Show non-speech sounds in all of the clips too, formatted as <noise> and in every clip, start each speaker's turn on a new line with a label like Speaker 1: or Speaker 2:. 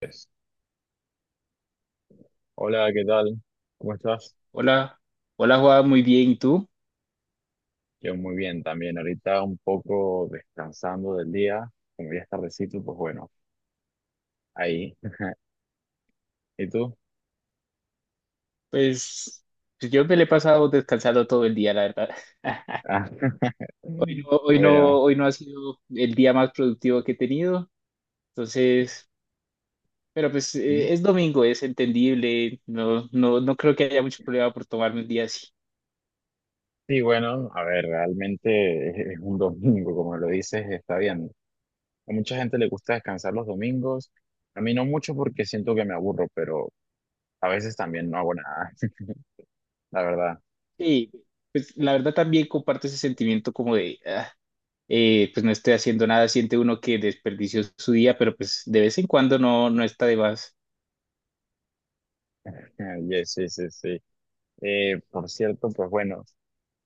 Speaker 1: Pues, hola, ¿qué tal? ¿Cómo estás?
Speaker 2: Hola, hola Juan, muy bien. ¿Y tú?
Speaker 1: Yo muy bien también. Ahorita un poco descansando del día. Como ya es tardecito, pues bueno, ahí. <laughs> ¿Y tú?
Speaker 2: Pues, pues yo me le he pasado descansando todo el día, la verdad. <laughs>
Speaker 1: Ah,
Speaker 2: Hoy
Speaker 1: <laughs>
Speaker 2: no, hoy
Speaker 1: bueno.
Speaker 2: no, hoy no ha sido el día más productivo que he tenido. Entonces, pero pues
Speaker 1: ¿Mm?
Speaker 2: es domingo, es entendible. No, no, no creo que haya mucho problema por tomarme un día así.
Speaker 1: Sí, bueno, a ver, realmente es un domingo, como lo dices, está bien. A mucha gente le gusta descansar los domingos. A mí no mucho porque siento que me aburro, pero a veces también no hago nada, <laughs> la verdad.
Speaker 2: Sí, pues la verdad también comparto ese sentimiento como de pues no estoy haciendo nada. Siente uno que desperdició su día, pero pues de vez en cuando no, no está de más.
Speaker 1: <laughs> Yes, sí, sí, sí. Por cierto, pues bueno.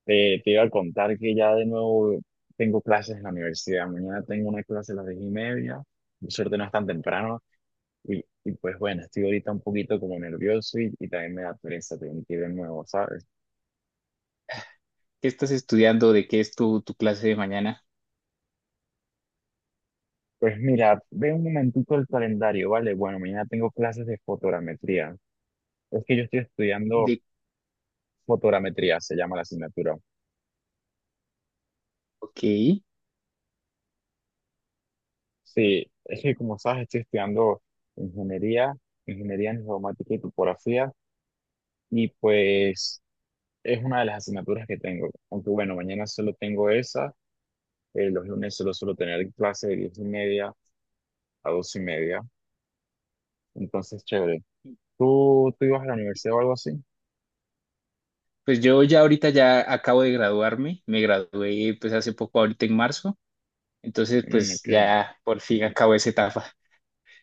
Speaker 1: Te iba a contar que ya de nuevo tengo clases en la universidad. Mañana tengo una clase a las 10:30. Por suerte no es tan temprano. Y pues bueno, estoy ahorita un poquito como nervioso y también me da pereza tener que ir de nuevo, ¿sabes?
Speaker 2: ¿Qué estás estudiando? ¿De qué es tu clase de mañana?
Speaker 1: Pues mira, ve un momentito el calendario, ¿vale? Bueno, mañana tengo clases de fotogrametría. Es que yo estoy estudiando fotogrametría, se llama la asignatura.
Speaker 2: Ok,
Speaker 1: Sí, es que como sabes, estoy estudiando ingeniería, ingeniería en geomática y topografía. Y pues es una de las asignaturas que tengo. Aunque bueno, mañana solo tengo esa, los lunes solo suelo tener clase de 10:30 a 12:30. Entonces, chévere. ¿Tú ibas a la universidad o algo así?
Speaker 2: pues yo ya ahorita ya acabo de graduarme, me gradué pues hace poco, ahorita en marzo, entonces
Speaker 1: Mm,
Speaker 2: pues
Speaker 1: ok.
Speaker 2: ya por fin acabo esa etapa.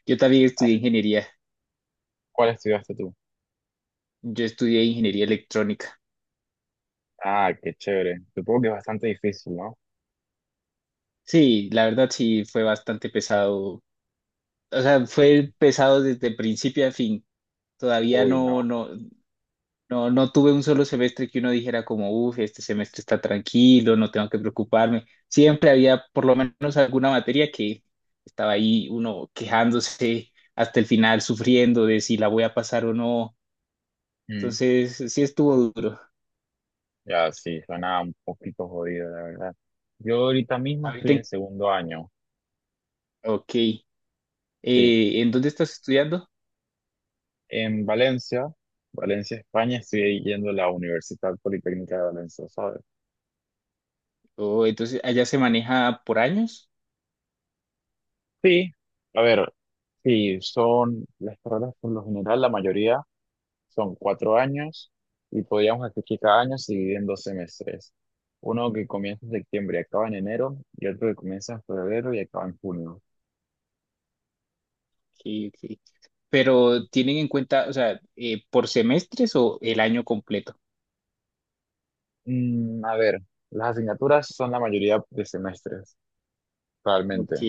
Speaker 2: Yo también estudié ingeniería,
Speaker 1: ¿Cuál estudiaste tú?
Speaker 2: yo estudié ingeniería electrónica.
Speaker 1: Ah, qué chévere. Supongo que es bastante difícil, ¿no?
Speaker 2: Sí, la verdad sí fue bastante pesado, o sea, fue pesado desde principio a fin. Todavía
Speaker 1: Uy,
Speaker 2: no,
Speaker 1: no.
Speaker 2: no. No, no tuve un solo semestre que uno dijera como, uff, este semestre está tranquilo, no tengo que preocuparme. Siempre había por lo menos alguna materia que estaba ahí uno quejándose hasta el final, sufriendo de si la voy a pasar o no.
Speaker 1: Mm,
Speaker 2: Entonces, sí estuvo duro.
Speaker 1: ya, sí, suena un poquito jodido, la verdad. Yo ahorita mismo estoy
Speaker 2: Ahorita,
Speaker 1: en
Speaker 2: en-
Speaker 1: segundo año,
Speaker 2: ok,
Speaker 1: sí.
Speaker 2: ¿en dónde estás estudiando?
Speaker 1: En Valencia, Valencia, España, estoy yendo a la Universidad Politécnica de Valencia, ¿sabes?
Speaker 2: Oh, entonces, allá se maneja por años.
Speaker 1: Sí, a ver, sí, son las carreras por lo general, la mayoría son 4 años y podríamos hacer que cada año se divide en 2 semestres. Uno que comienza en septiembre y acaba en enero y otro que comienza en febrero y acaba en junio.
Speaker 2: Ok, ok. Pero tienen en cuenta, o sea, por semestres o el año completo.
Speaker 1: A ver, las asignaturas son la mayoría de semestres,
Speaker 2: Ok.
Speaker 1: realmente.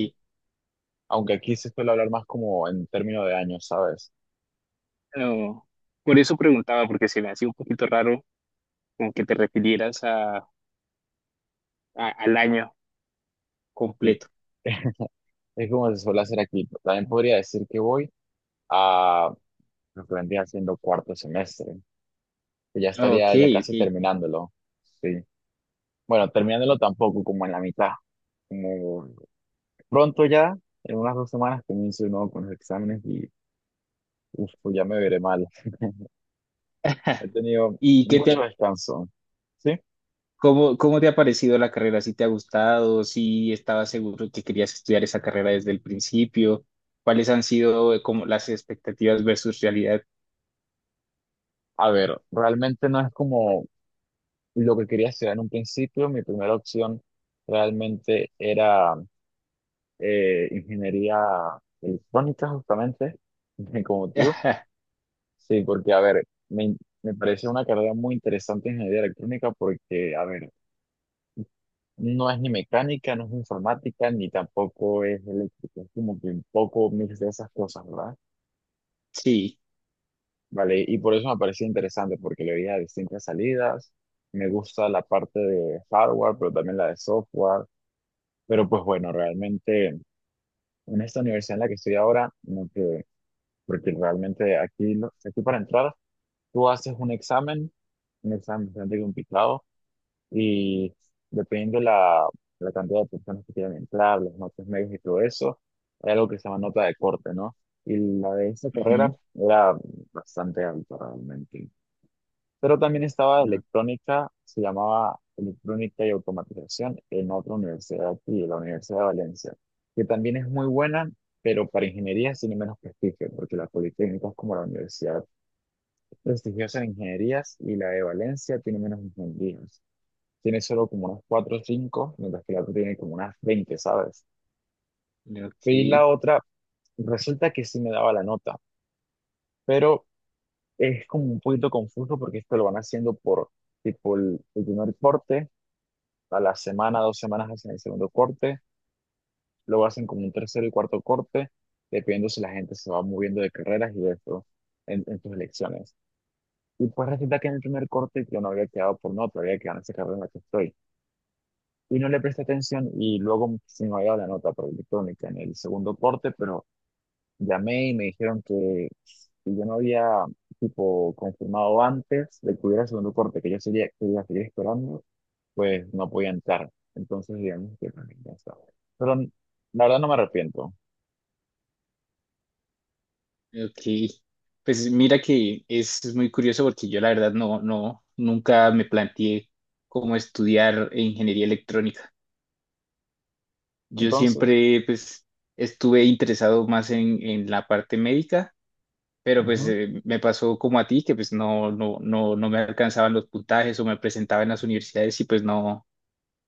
Speaker 1: Aunque aquí se suele hablar más como en términos de años, ¿sabes?
Speaker 2: No, por eso preguntaba, porque se me hacía un poquito raro como que te refirieras a- al año
Speaker 1: Y
Speaker 2: completo.
Speaker 1: <laughs> es como se suele hacer aquí. También podría decir que voy a lo que vendría siendo cuarto semestre, que ya
Speaker 2: Ok,
Speaker 1: estaría ya
Speaker 2: ok.
Speaker 1: casi terminándolo. Sí. Bueno, terminándolo tampoco, como en la mitad. Como pronto ya, en unas 2 semanas comienzo de nuevo con los exámenes y uf, pues ya me veré mal. He
Speaker 2: <laughs>
Speaker 1: tenido
Speaker 2: ¿Y qué te, ha-
Speaker 1: mucho descanso. Sí.
Speaker 2: cómo, cómo te ha parecido la carrera? ¿Si te ha gustado? ¿Si estabas seguro que querías estudiar esa carrera desde el principio? ¿Cuáles han sido como las expectativas versus realidad?
Speaker 1: A ver, realmente no es como lo que quería estudiar en un principio. Mi primera opción realmente era ingeniería electrónica, justamente, <laughs> como tú.
Speaker 2: <laughs>
Speaker 1: Sí, porque, a ver, me, me parece una carrera muy interesante en ingeniería electrónica porque, a ver, no es ni mecánica, no es informática, ni tampoco es eléctrica. Es como que un poco mix de esas cosas, ¿verdad?
Speaker 2: Sí.
Speaker 1: Vale, y por eso me pareció interesante porque le veía distintas salidas. Me gusta la parte de hardware, pero también la de software. Pero pues bueno, realmente en esta universidad en la que estoy ahora, no quedé, porque realmente aquí, aquí para entrar, tú haces un examen bastante complicado. Y depende la, cantidad de personas que quieran entrar, los notas medias y todo eso, hay algo que se llama nota de corte, ¿no? Y la de esta
Speaker 2: Ujú.
Speaker 1: carrera era bastante alta realmente. Pero también estaba
Speaker 2: No.
Speaker 1: electrónica, se llamaba electrónica y automatización en otra universidad aquí, la Universidad de Valencia, que también es muy buena, pero para ingenierías tiene menos prestigio, porque la Politécnica es como la universidad prestigiosa en ingenierías y la de Valencia tiene menos ingenierías, tiene solo como unas 4 o 5 mientras que la otra tiene como unas 20, ¿sabes?
Speaker 2: Ok.
Speaker 1: Y la otra, resulta que sí me daba la nota, pero es como un poquito confuso porque esto lo van haciendo por tipo el primer corte, a la semana, 2 semanas hacen el segundo corte, luego hacen como un tercero y cuarto corte, dependiendo si la gente se va moviendo de carreras y de esto en, sus elecciones. Y pues resulta que en el primer corte yo no había quedado por nota, había quedado en esa carrera en la que estoy, y no le presté atención y luego se me había dado la nota por electrónica en el segundo corte, pero llamé y me dijeron que si yo no había tipo confirmado antes de que hubiera el segundo corte, que yo sería, que iba a seguir esperando, pues no podía entrar. Entonces, digamos que también ya estaba. Pero la verdad no me arrepiento.
Speaker 2: Ok. Pues mira que es muy curioso porque yo la verdad no, no, nunca me planteé cómo estudiar ingeniería electrónica. Yo
Speaker 1: Entonces,
Speaker 2: siempre pues estuve interesado más en la parte médica, pero pues
Speaker 1: ujú,
Speaker 2: me pasó como a ti que pues no, no, no, no me alcanzaban los puntajes o me presentaba en las universidades y pues no,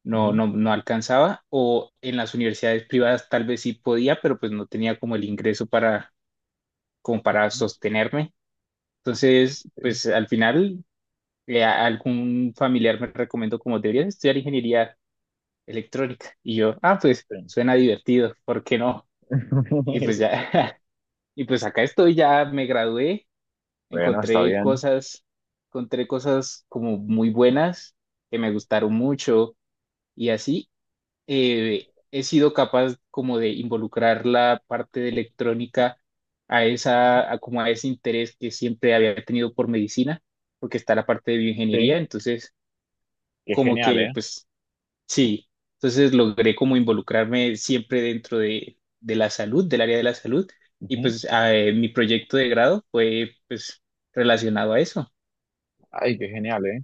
Speaker 2: no,
Speaker 1: ujú,
Speaker 2: no, no alcanzaba o en las universidades privadas tal vez sí podía, pero pues no tenía como el ingreso para, como para
Speaker 1: ujú,
Speaker 2: sostenerme. Entonces,
Speaker 1: sí,
Speaker 2: pues al final, a- algún familiar me recomendó como deberías estudiar ingeniería electrónica. Y yo, ah, pues
Speaker 1: sí.
Speaker 2: suena divertido, ¿por qué no? Y pues
Speaker 1: <laughs>
Speaker 2: ya, <laughs> y pues acá estoy, ya me gradué,
Speaker 1: Bueno, está
Speaker 2: encontré
Speaker 1: bien.
Speaker 2: cosas, encontré cosas como muy buenas que me gustaron mucho y así he sido capaz como de involucrar la parte de electrónica a esa, a como a ese interés que siempre había tenido por medicina, porque está la parte de bioingeniería,
Speaker 1: Sí,
Speaker 2: entonces
Speaker 1: qué
Speaker 2: como
Speaker 1: genial, ¿eh?
Speaker 2: que pues sí, entonces logré como involucrarme siempre dentro de la salud, del área de la salud, y
Speaker 1: Ujú.
Speaker 2: pues mi proyecto de grado fue pues relacionado a eso.
Speaker 1: Ay, qué genial, ¿eh?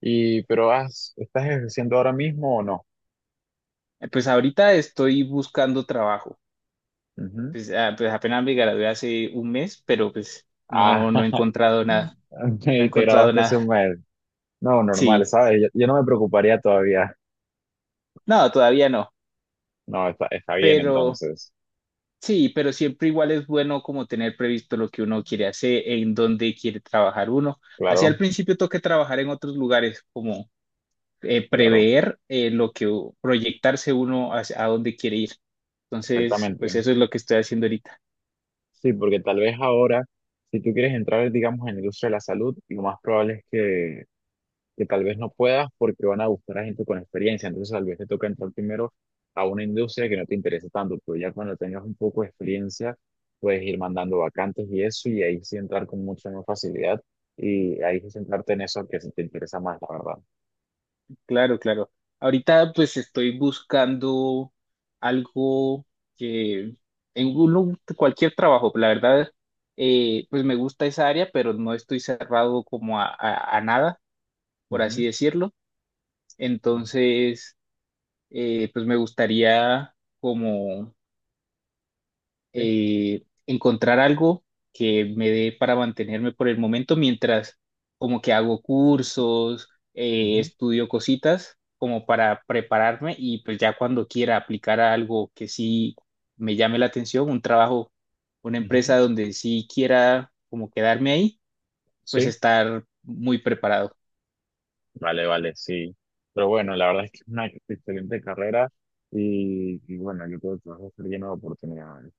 Speaker 1: Y, pero has, ¿estás ejerciendo ahora mismo o no?
Speaker 2: Pues ahorita estoy buscando trabajo.
Speaker 1: Ujú.
Speaker 2: Pues, ah, pues apenas me gradué hace un mes, pero pues
Speaker 1: Ah,
Speaker 2: no, no he
Speaker 1: <laughs>
Speaker 2: encontrado nada, no
Speaker 1: te
Speaker 2: he encontrado
Speaker 1: grabaste hace
Speaker 2: nada.
Speaker 1: un mes. No, normal,
Speaker 2: Sí,
Speaker 1: ¿sabes? yo no me preocuparía todavía.
Speaker 2: no, todavía no,
Speaker 1: No, está bien
Speaker 2: pero
Speaker 1: entonces.
Speaker 2: sí, pero siempre igual es bueno como tener previsto lo que uno quiere hacer, en dónde quiere trabajar uno. Así al
Speaker 1: Claro,
Speaker 2: principio toca trabajar en otros lugares, como
Speaker 1: claro,
Speaker 2: prever lo que, proyectarse uno hacia- a dónde quiere ir. Entonces, pues
Speaker 1: exactamente.
Speaker 2: eso es lo que estoy haciendo ahorita.
Speaker 1: Sí, porque tal vez ahora, si tú quieres entrar, digamos, en la industria de la salud, lo más probable es que tal vez no puedas porque van a buscar a gente con experiencia. Entonces, tal vez te toca entrar primero a una industria que no te interesa tanto, pero ya cuando tengas un poco de experiencia, puedes ir mandando vacantes y eso, y ahí sí entrar con mucha más facilidad y ahí sí centrarte en eso que sí te interesa más, la verdad.
Speaker 2: Claro, claro. Ahorita pues estoy buscando algo que en uno- cualquier trabajo, la verdad, pues me gusta esa área, pero no estoy cerrado como a nada, por así
Speaker 1: Ujú,
Speaker 2: decirlo.
Speaker 1: ujú,
Speaker 2: Entonces, pues me gustaría como
Speaker 1: sí,
Speaker 2: encontrar algo que me dé para mantenerme por el momento mientras como que hago cursos,
Speaker 1: ujú,
Speaker 2: estudio cositas como para prepararme y pues ya cuando quiera aplicar a algo que sí me llame la atención, un trabajo, una
Speaker 1: ujú,
Speaker 2: empresa donde sí quiera como quedarme ahí, pues
Speaker 1: sí,
Speaker 2: estar muy preparado.
Speaker 1: vale, vale, sí. Pero bueno, la verdad es que es una excelente carrera y bueno, yo creo que vas a estar lleno de oportunidades.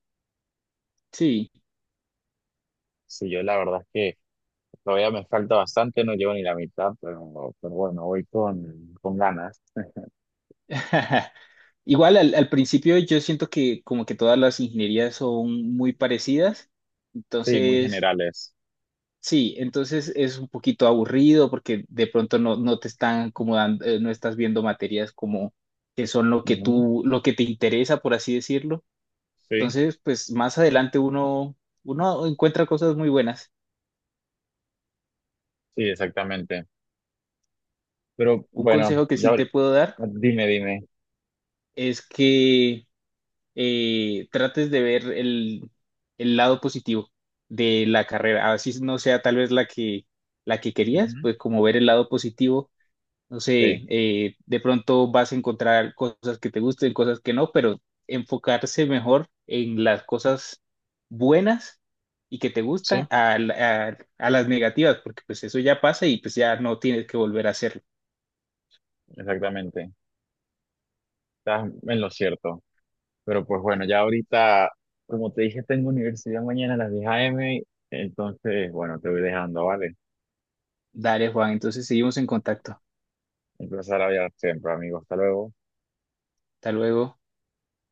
Speaker 2: Sí.
Speaker 1: Sí, yo la verdad es que todavía me falta bastante, no llevo ni la mitad, pero bueno, voy con, ganas.
Speaker 2: <laughs> Igual al principio yo siento que como que todas las ingenierías son muy parecidas,
Speaker 1: Sí, muy
Speaker 2: entonces
Speaker 1: generales.
Speaker 2: sí, entonces es un poquito aburrido porque de pronto no, no te están como dando, no estás viendo materias como que son lo que
Speaker 1: Ujú.
Speaker 2: tú, lo que te interesa, por así decirlo.
Speaker 1: Sí,
Speaker 2: Entonces, pues más adelante uno, uno encuentra cosas muy buenas.
Speaker 1: sí, exactamente. Pero
Speaker 2: Un
Speaker 1: bueno,
Speaker 2: consejo que
Speaker 1: ya
Speaker 2: sí te puedo dar
Speaker 1: dime, dime.
Speaker 2: es que trates de ver el lado positivo de la carrera. Así no sea tal vez la que querías,
Speaker 1: Ujú.
Speaker 2: pues como ver el lado positivo no sé,
Speaker 1: Sí,
Speaker 2: de pronto vas a encontrar cosas que te gusten, cosas que no, pero enfocarse mejor en las cosas buenas y que te gustan
Speaker 1: sí,
Speaker 2: a, la- a las negativas, porque pues eso ya pasa y pues ya no tienes que volver a hacerlo.
Speaker 1: exactamente. Estás en lo cierto. Pero pues bueno, ya ahorita, como te dije, tengo universidad mañana a las 10 a. m. Entonces, bueno, te voy dejando, ¿vale?
Speaker 2: Dale, Juan, entonces seguimos en contacto.
Speaker 1: Un placer hablar siempre, amigo. Hasta luego.
Speaker 2: Hasta luego.